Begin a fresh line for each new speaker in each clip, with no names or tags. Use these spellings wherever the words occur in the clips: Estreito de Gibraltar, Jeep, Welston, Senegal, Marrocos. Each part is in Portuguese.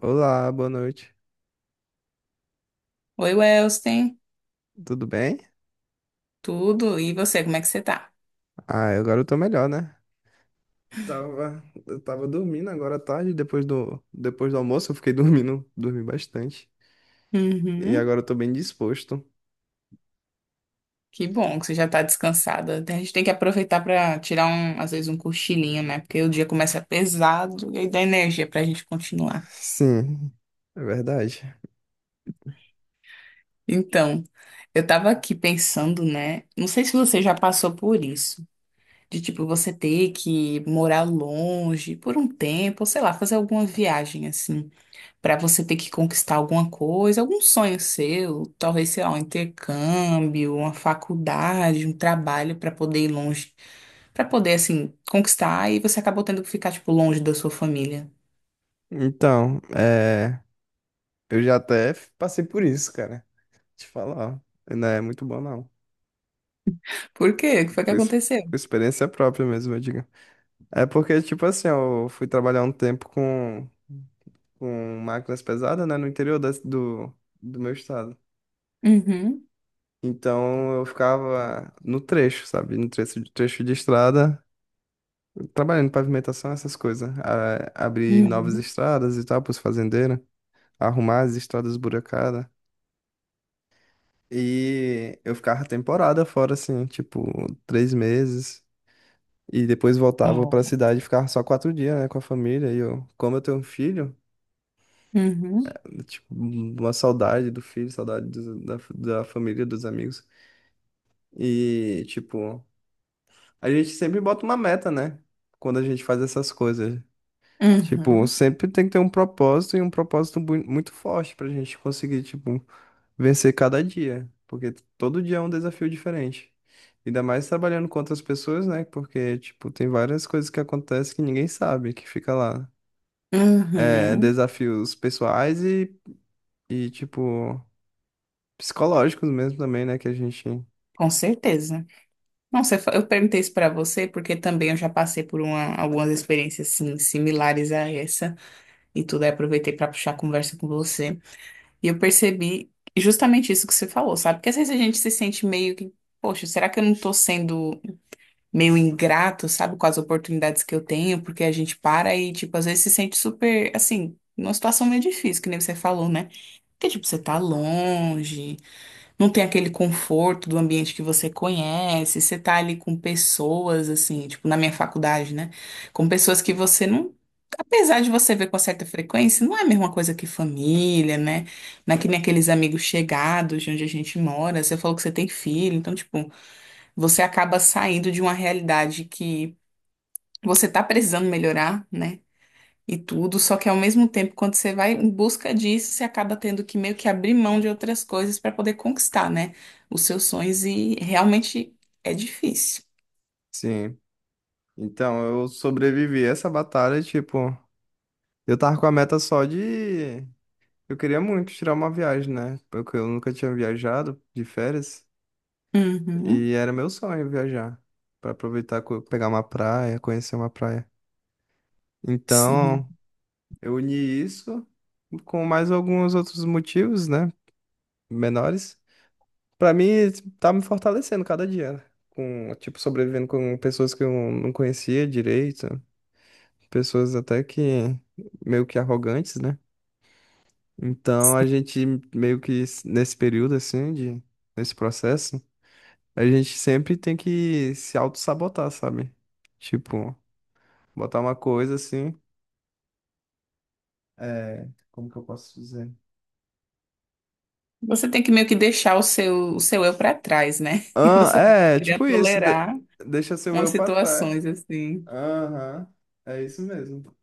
Olá, boa noite.
Oi, Welston,
Tudo bem?
tudo? E você, como é que você tá?
Ah, agora eu tô melhor, né? Tava, eu tava dormindo agora à tarde, depois do almoço eu fiquei dormindo, dormi bastante. E
Uhum.
agora eu tô bem disposto.
Que bom que você já tá descansada. A gente tem que aproveitar pra tirar um, às vezes um cochilinho, né? Porque o dia começa pesado e aí dá energia pra gente continuar.
Sim, é verdade.
Então, eu tava aqui pensando, né? Não sei se você já passou por isso, de tipo você ter que morar longe por um tempo, ou sei lá, fazer alguma viagem assim. Pra você ter que conquistar alguma coisa, algum sonho seu, talvez, sei lá, um intercâmbio, uma faculdade, um trabalho pra poder ir longe, pra poder assim conquistar e você acabou tendo que ficar tipo longe da sua família.
Então, é, eu já até passei por isso, cara. Te falar, ó, não é muito bom não.
Por quê? O que foi que
Por ex- por
aconteceu?
experiência própria mesmo, eu digo. É porque, tipo assim, eu fui trabalhar um tempo com máquinas pesadas, né, no interior do, do meu estado.
Uhum.
Então eu ficava no trecho, sabe? No trecho, trecho de estrada, trabalhando em pavimentação, essas coisas. Abrir novas
Uhum.
estradas e tal para os fazendeiros, arrumar as estradas esburacadas. E eu ficava temporada fora, assim, tipo, três meses. E depois voltava
Ó.
para a cidade e ficava só quatro dias, né, com a família. E eu, como eu tenho um filho,
Uhum.
tipo, uma saudade do filho, saudade da família, dos amigos. E, tipo. A gente sempre bota uma meta, né? Quando a gente faz essas coisas. Tipo,
Uhum.
sempre tem que ter um propósito e um propósito muito forte pra gente conseguir, tipo, vencer cada dia. Porque todo dia é um desafio diferente. Ainda mais trabalhando com outras pessoas, né? Porque, tipo, tem várias coisas que acontecem que ninguém sabe, que fica lá. É,
Uhum.
desafios pessoais e, tipo, psicológicos mesmo também, né? Que a gente.
Com certeza. Não, eu perguntei isso pra você porque também eu já passei por algumas experiências assim, similares a essa e tudo, aí aproveitei pra puxar a conversa com você. E eu percebi justamente isso que você falou, sabe? Porque às vezes a gente se sente meio que, poxa, será que eu não tô sendo meio ingrato, sabe, com as oportunidades que eu tenho? Porque a gente para e, tipo, às vezes se sente super, assim, numa situação meio difícil, que nem você falou, né? Porque, tipo, você tá longe. Não tem aquele conforto do ambiente que você conhece, você tá ali com pessoas, assim, tipo na minha faculdade, né? Com pessoas que você não. Apesar de você ver com certa frequência, não é a mesma coisa que família, né? Não é que nem aqueles amigos chegados de onde a gente mora. Você falou que você tem filho, então, tipo, você acaba saindo de uma realidade que você tá precisando melhorar, né? E tudo, só que ao mesmo tempo, quando você vai em busca disso, você acaba tendo que meio que abrir mão de outras coisas para poder conquistar, né, os seus sonhos e realmente é difícil.
Sim. Então, eu sobrevivi a essa batalha, tipo. Eu tava com a meta só de. Eu queria muito tirar uma viagem, né? Porque eu nunca tinha viajado de férias.
Uhum,
E era meu sonho viajar. Pra aproveitar, pegar uma praia, conhecer uma praia.
sim.
Então, eu uni isso com mais alguns outros motivos, né? Menores. Pra mim, tá me fortalecendo cada dia, né? Com, tipo, sobrevivendo com pessoas que eu não conhecia direito. Pessoas até que meio que arrogantes, né? Então a gente meio que nesse período assim, de, nesse processo, a gente sempre tem que se auto-sabotar, sabe? Tipo, botar uma coisa assim. É, como que eu posso dizer?
Você tem que meio que deixar o seu eu para trás, né?
Ah,
Você tem que
é,
aprender a
tipo isso,
tolerar
deixa seu
umas
eu pra trás.
situações assim.
Aham, é isso mesmo.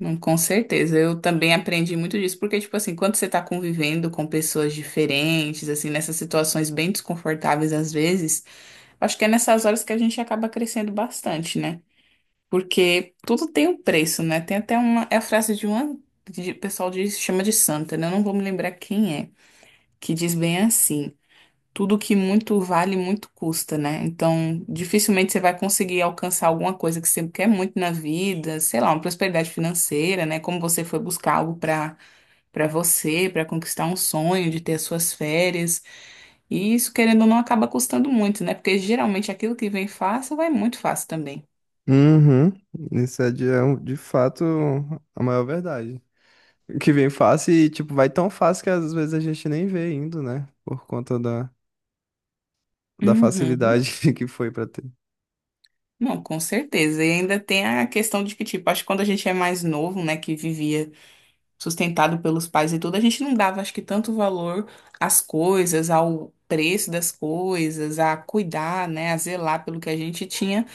Com certeza, eu também aprendi muito disso, porque, tipo assim, quando você tá convivendo com pessoas diferentes, assim, nessas situações bem desconfortáveis às vezes, acho que é nessas horas que a gente acaba crescendo bastante, né? Porque tudo tem um preço, né? Tem até uma. É a frase de uma. De, o pessoal diz, chama de santa, né? Eu não vou me lembrar quem é. Que diz bem assim: tudo que muito vale, muito custa, né? Então, dificilmente você vai conseguir alcançar alguma coisa que você quer muito na vida, sei lá, uma prosperidade financeira, né? Como você foi buscar algo para você, para conquistar um sonho de ter as suas férias. E isso, querendo ou não, acaba custando muito, né? Porque geralmente aquilo que vem fácil vai muito fácil também.
Uhum, isso é de, é de fato a maior verdade. Que vem fácil e, tipo, vai tão fácil que às vezes a gente nem vê indo, né? Por conta da, da
Uhum.
facilidade que foi pra ter.
Não, com certeza. E ainda tem a questão de que, tipo, acho que quando a gente é mais novo, né, que vivia sustentado pelos pais e tudo, a gente não dava, acho que, tanto valor às coisas, ao preço das coisas, a cuidar, né, a zelar pelo que a gente tinha,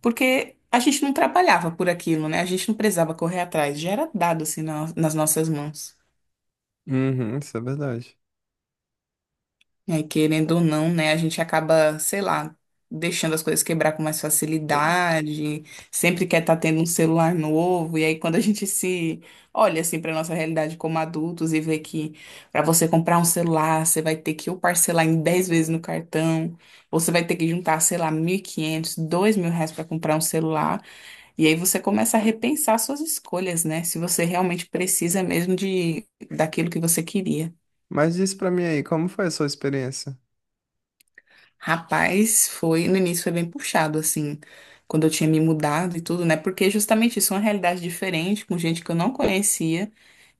porque a gente não trabalhava por aquilo, né? A gente não precisava correr atrás, já era dado assim nas nossas mãos.
Uhum, isso é verdade.
É, querendo ou não, né, a gente acaba, sei lá, deixando as coisas quebrar com mais facilidade, sempre quer estar tendo um celular novo, e aí quando a gente se olha assim para nossa realidade como adultos e vê que para você comprar um celular, você vai ter que ou parcelar em 10 vezes no cartão, ou você vai ter que juntar, sei lá, 1.500, R$ 2.000 para comprar um celular, e aí você começa a repensar suas escolhas, né? Se você realmente precisa mesmo de daquilo que você queria.
Mas diz pra mim aí, como foi a sua experiência?
Rapaz, foi, no início foi bem puxado, assim, quando eu tinha me mudado e tudo, né? Porque justamente isso é uma realidade diferente, com gente que eu não conhecia.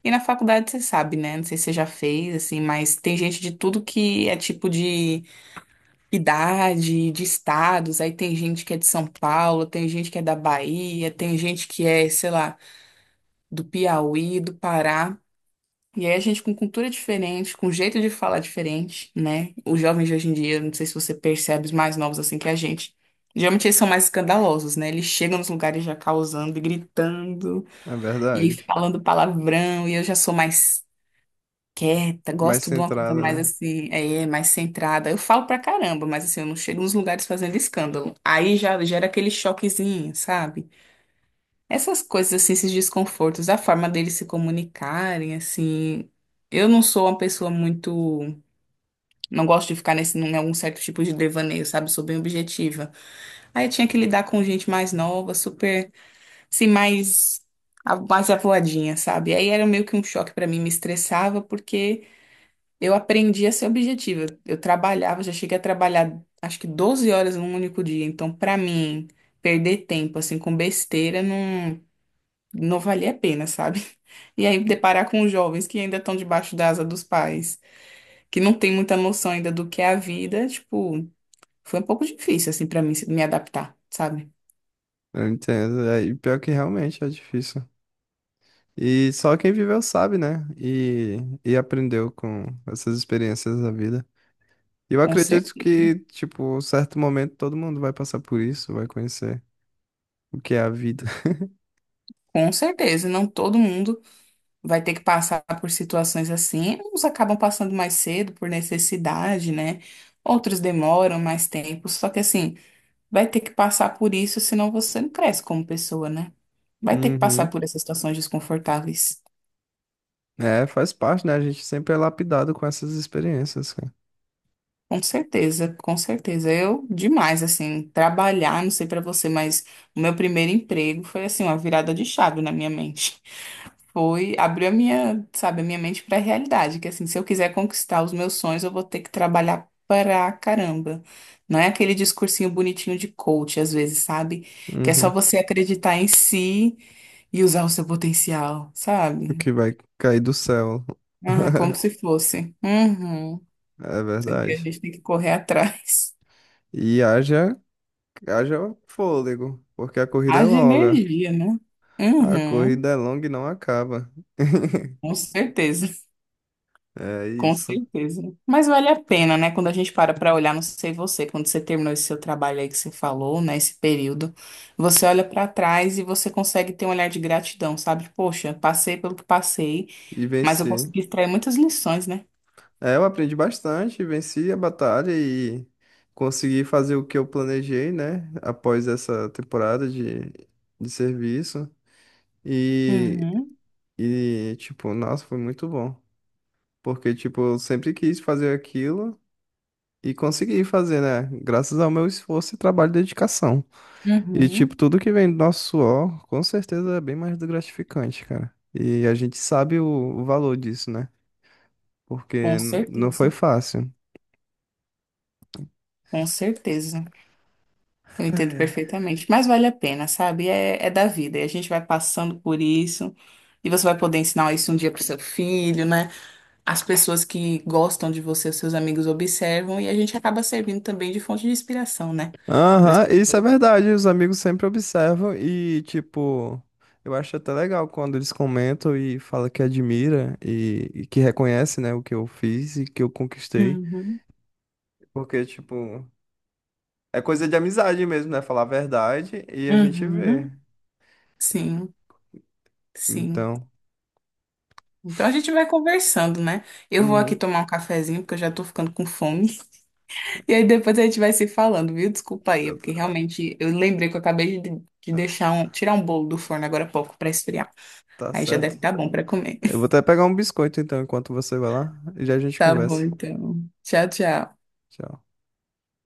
E na faculdade você sabe, né? Não sei se você já fez, assim, mas tem gente de tudo que é tipo de idade, de estados. Aí tem gente que é de São Paulo, tem gente que é da Bahia, tem gente que é, sei lá, do Piauí, do Pará. E aí a gente com cultura diferente, com jeito de falar diferente, né? Os jovens de hoje em dia, não sei se você percebe, os mais novos assim que a gente. Geralmente eles são mais escandalosos, né? Eles chegam nos lugares já causando e gritando
É
e
verdade.
falando palavrão. E eu já sou mais quieta,
Mais
gosto de uma
centrada,
coisa mais
né?
assim, é, mais centrada. Eu falo pra caramba, mas assim, eu não chego nos lugares fazendo escândalo. Aí já gera aquele choquezinho, sabe? Essas coisas, assim, esses desconfortos, a forma deles se comunicarem, assim. Eu não sou uma pessoa muito. Não gosto de ficar nesse, em algum certo tipo de devaneio, sabe? Sou bem objetiva. Aí eu tinha que lidar com gente mais nova, super. Assim, mais. Mais avoadinha, sabe? Aí era meio que um choque pra mim, me estressava, porque eu aprendi a ser objetiva. Eu trabalhava, já cheguei a trabalhar, acho que 12 horas num único dia. Então, pra mim, perder tempo, assim, com besteira, não valia a pena, sabe? E aí deparar com os jovens que ainda estão debaixo da asa dos pais, que não tem muita noção ainda do que é a vida, tipo, foi um pouco difícil assim pra mim me adaptar, sabe?
Eu entendo. É, e pior que realmente é difícil. E só quem viveu sabe, né? E aprendeu com essas experiências da vida. E eu
Com
acredito
certeza.
que, tipo, um certo momento todo mundo vai passar por isso, vai conhecer o que é a vida.
Com certeza, não todo mundo vai ter que passar por situações assim. Uns acabam passando mais cedo por necessidade, né? Outros demoram mais tempo, só que assim, vai ter que passar por isso, senão você não cresce como pessoa, né? Vai ter que passar
Uhum.
por essas situações desconfortáveis.
É, faz parte, né? A gente sempre é lapidado com essas experiências, cara.
Com certeza, com certeza. Eu, demais, assim, trabalhar, não sei pra você, mas o meu primeiro emprego foi, assim, uma virada de chave na minha mente. Foi, abriu a minha, sabe, a minha mente pra realidade, que, assim, se eu quiser conquistar os meus sonhos, eu vou ter que trabalhar pra caramba. Não é aquele discursinho bonitinho de coach, às vezes, sabe? Que é só
Uhum.
você acreditar em si e usar o seu potencial, sabe?
Que vai cair do céu.
Ah, como se fosse. Uhum.
É
A
verdade.
gente tem que correr atrás.
E haja, haja fôlego, porque a corrida é
Haja
longa.
energia, né?
A
Uhum,
corrida é longa e não acaba.
com certeza,
É
com
isso.
certeza. Mas vale a pena, né? Quando a gente para para olhar, não sei você, quando você terminou esse seu trabalho aí que você falou, né? Esse período, você olha para trás e você consegue ter um olhar de gratidão, sabe? Poxa, passei pelo que passei,
E
mas eu
venci.
consegui extrair muitas lições, né?
É, eu aprendi bastante, venci a batalha e consegui fazer o que eu planejei, né? Após essa temporada de serviço. E,
Uhum.
e, tipo, nossa, foi muito bom. Porque, tipo, eu sempre quis fazer aquilo e consegui fazer, né? Graças ao meu esforço e trabalho e dedicação. E, tipo,
Uhum,
tudo que vem do nosso suor, com certeza é bem mais do gratificante, cara. E a gente sabe o valor disso, né? Porque
com
não foi
certeza,
fácil.
com certeza. Eu entendo perfeitamente, mas vale a pena, sabe? É, é da vida, e a gente vai passando por isso, e você vai poder ensinar isso um dia pro seu filho, né? As pessoas que gostam de você, os seus amigos observam, e a gente acaba servindo também de fonte de inspiração, né? Pras
Aham, isso é
pessoas.
verdade. Os amigos sempre observam e, tipo, eu acho até legal quando eles comentam e falam que admira e que reconhece, né, o que eu fiz e que eu conquistei.
Uhum.
Porque, tipo, é coisa de amizade mesmo, né? Falar a verdade e a gente vê.
Uhum. Sim, sim.
Então,
Então a gente vai conversando, né? Eu vou aqui
uhum,
tomar um cafezinho, porque eu já tô ficando com fome. E aí depois a gente vai se falando, viu? Desculpa aí, é
eu t-
porque realmente eu lembrei que eu acabei de deixar um, tirar um bolo do forno agora há pouco para esfriar.
tá
Aí já
certo.
deve estar bom para comer.
Eu vou até pegar um biscoito então, enquanto você vai lá, e já a gente
Tá bom,
conversa.
então. Tchau, tchau.
Tchau.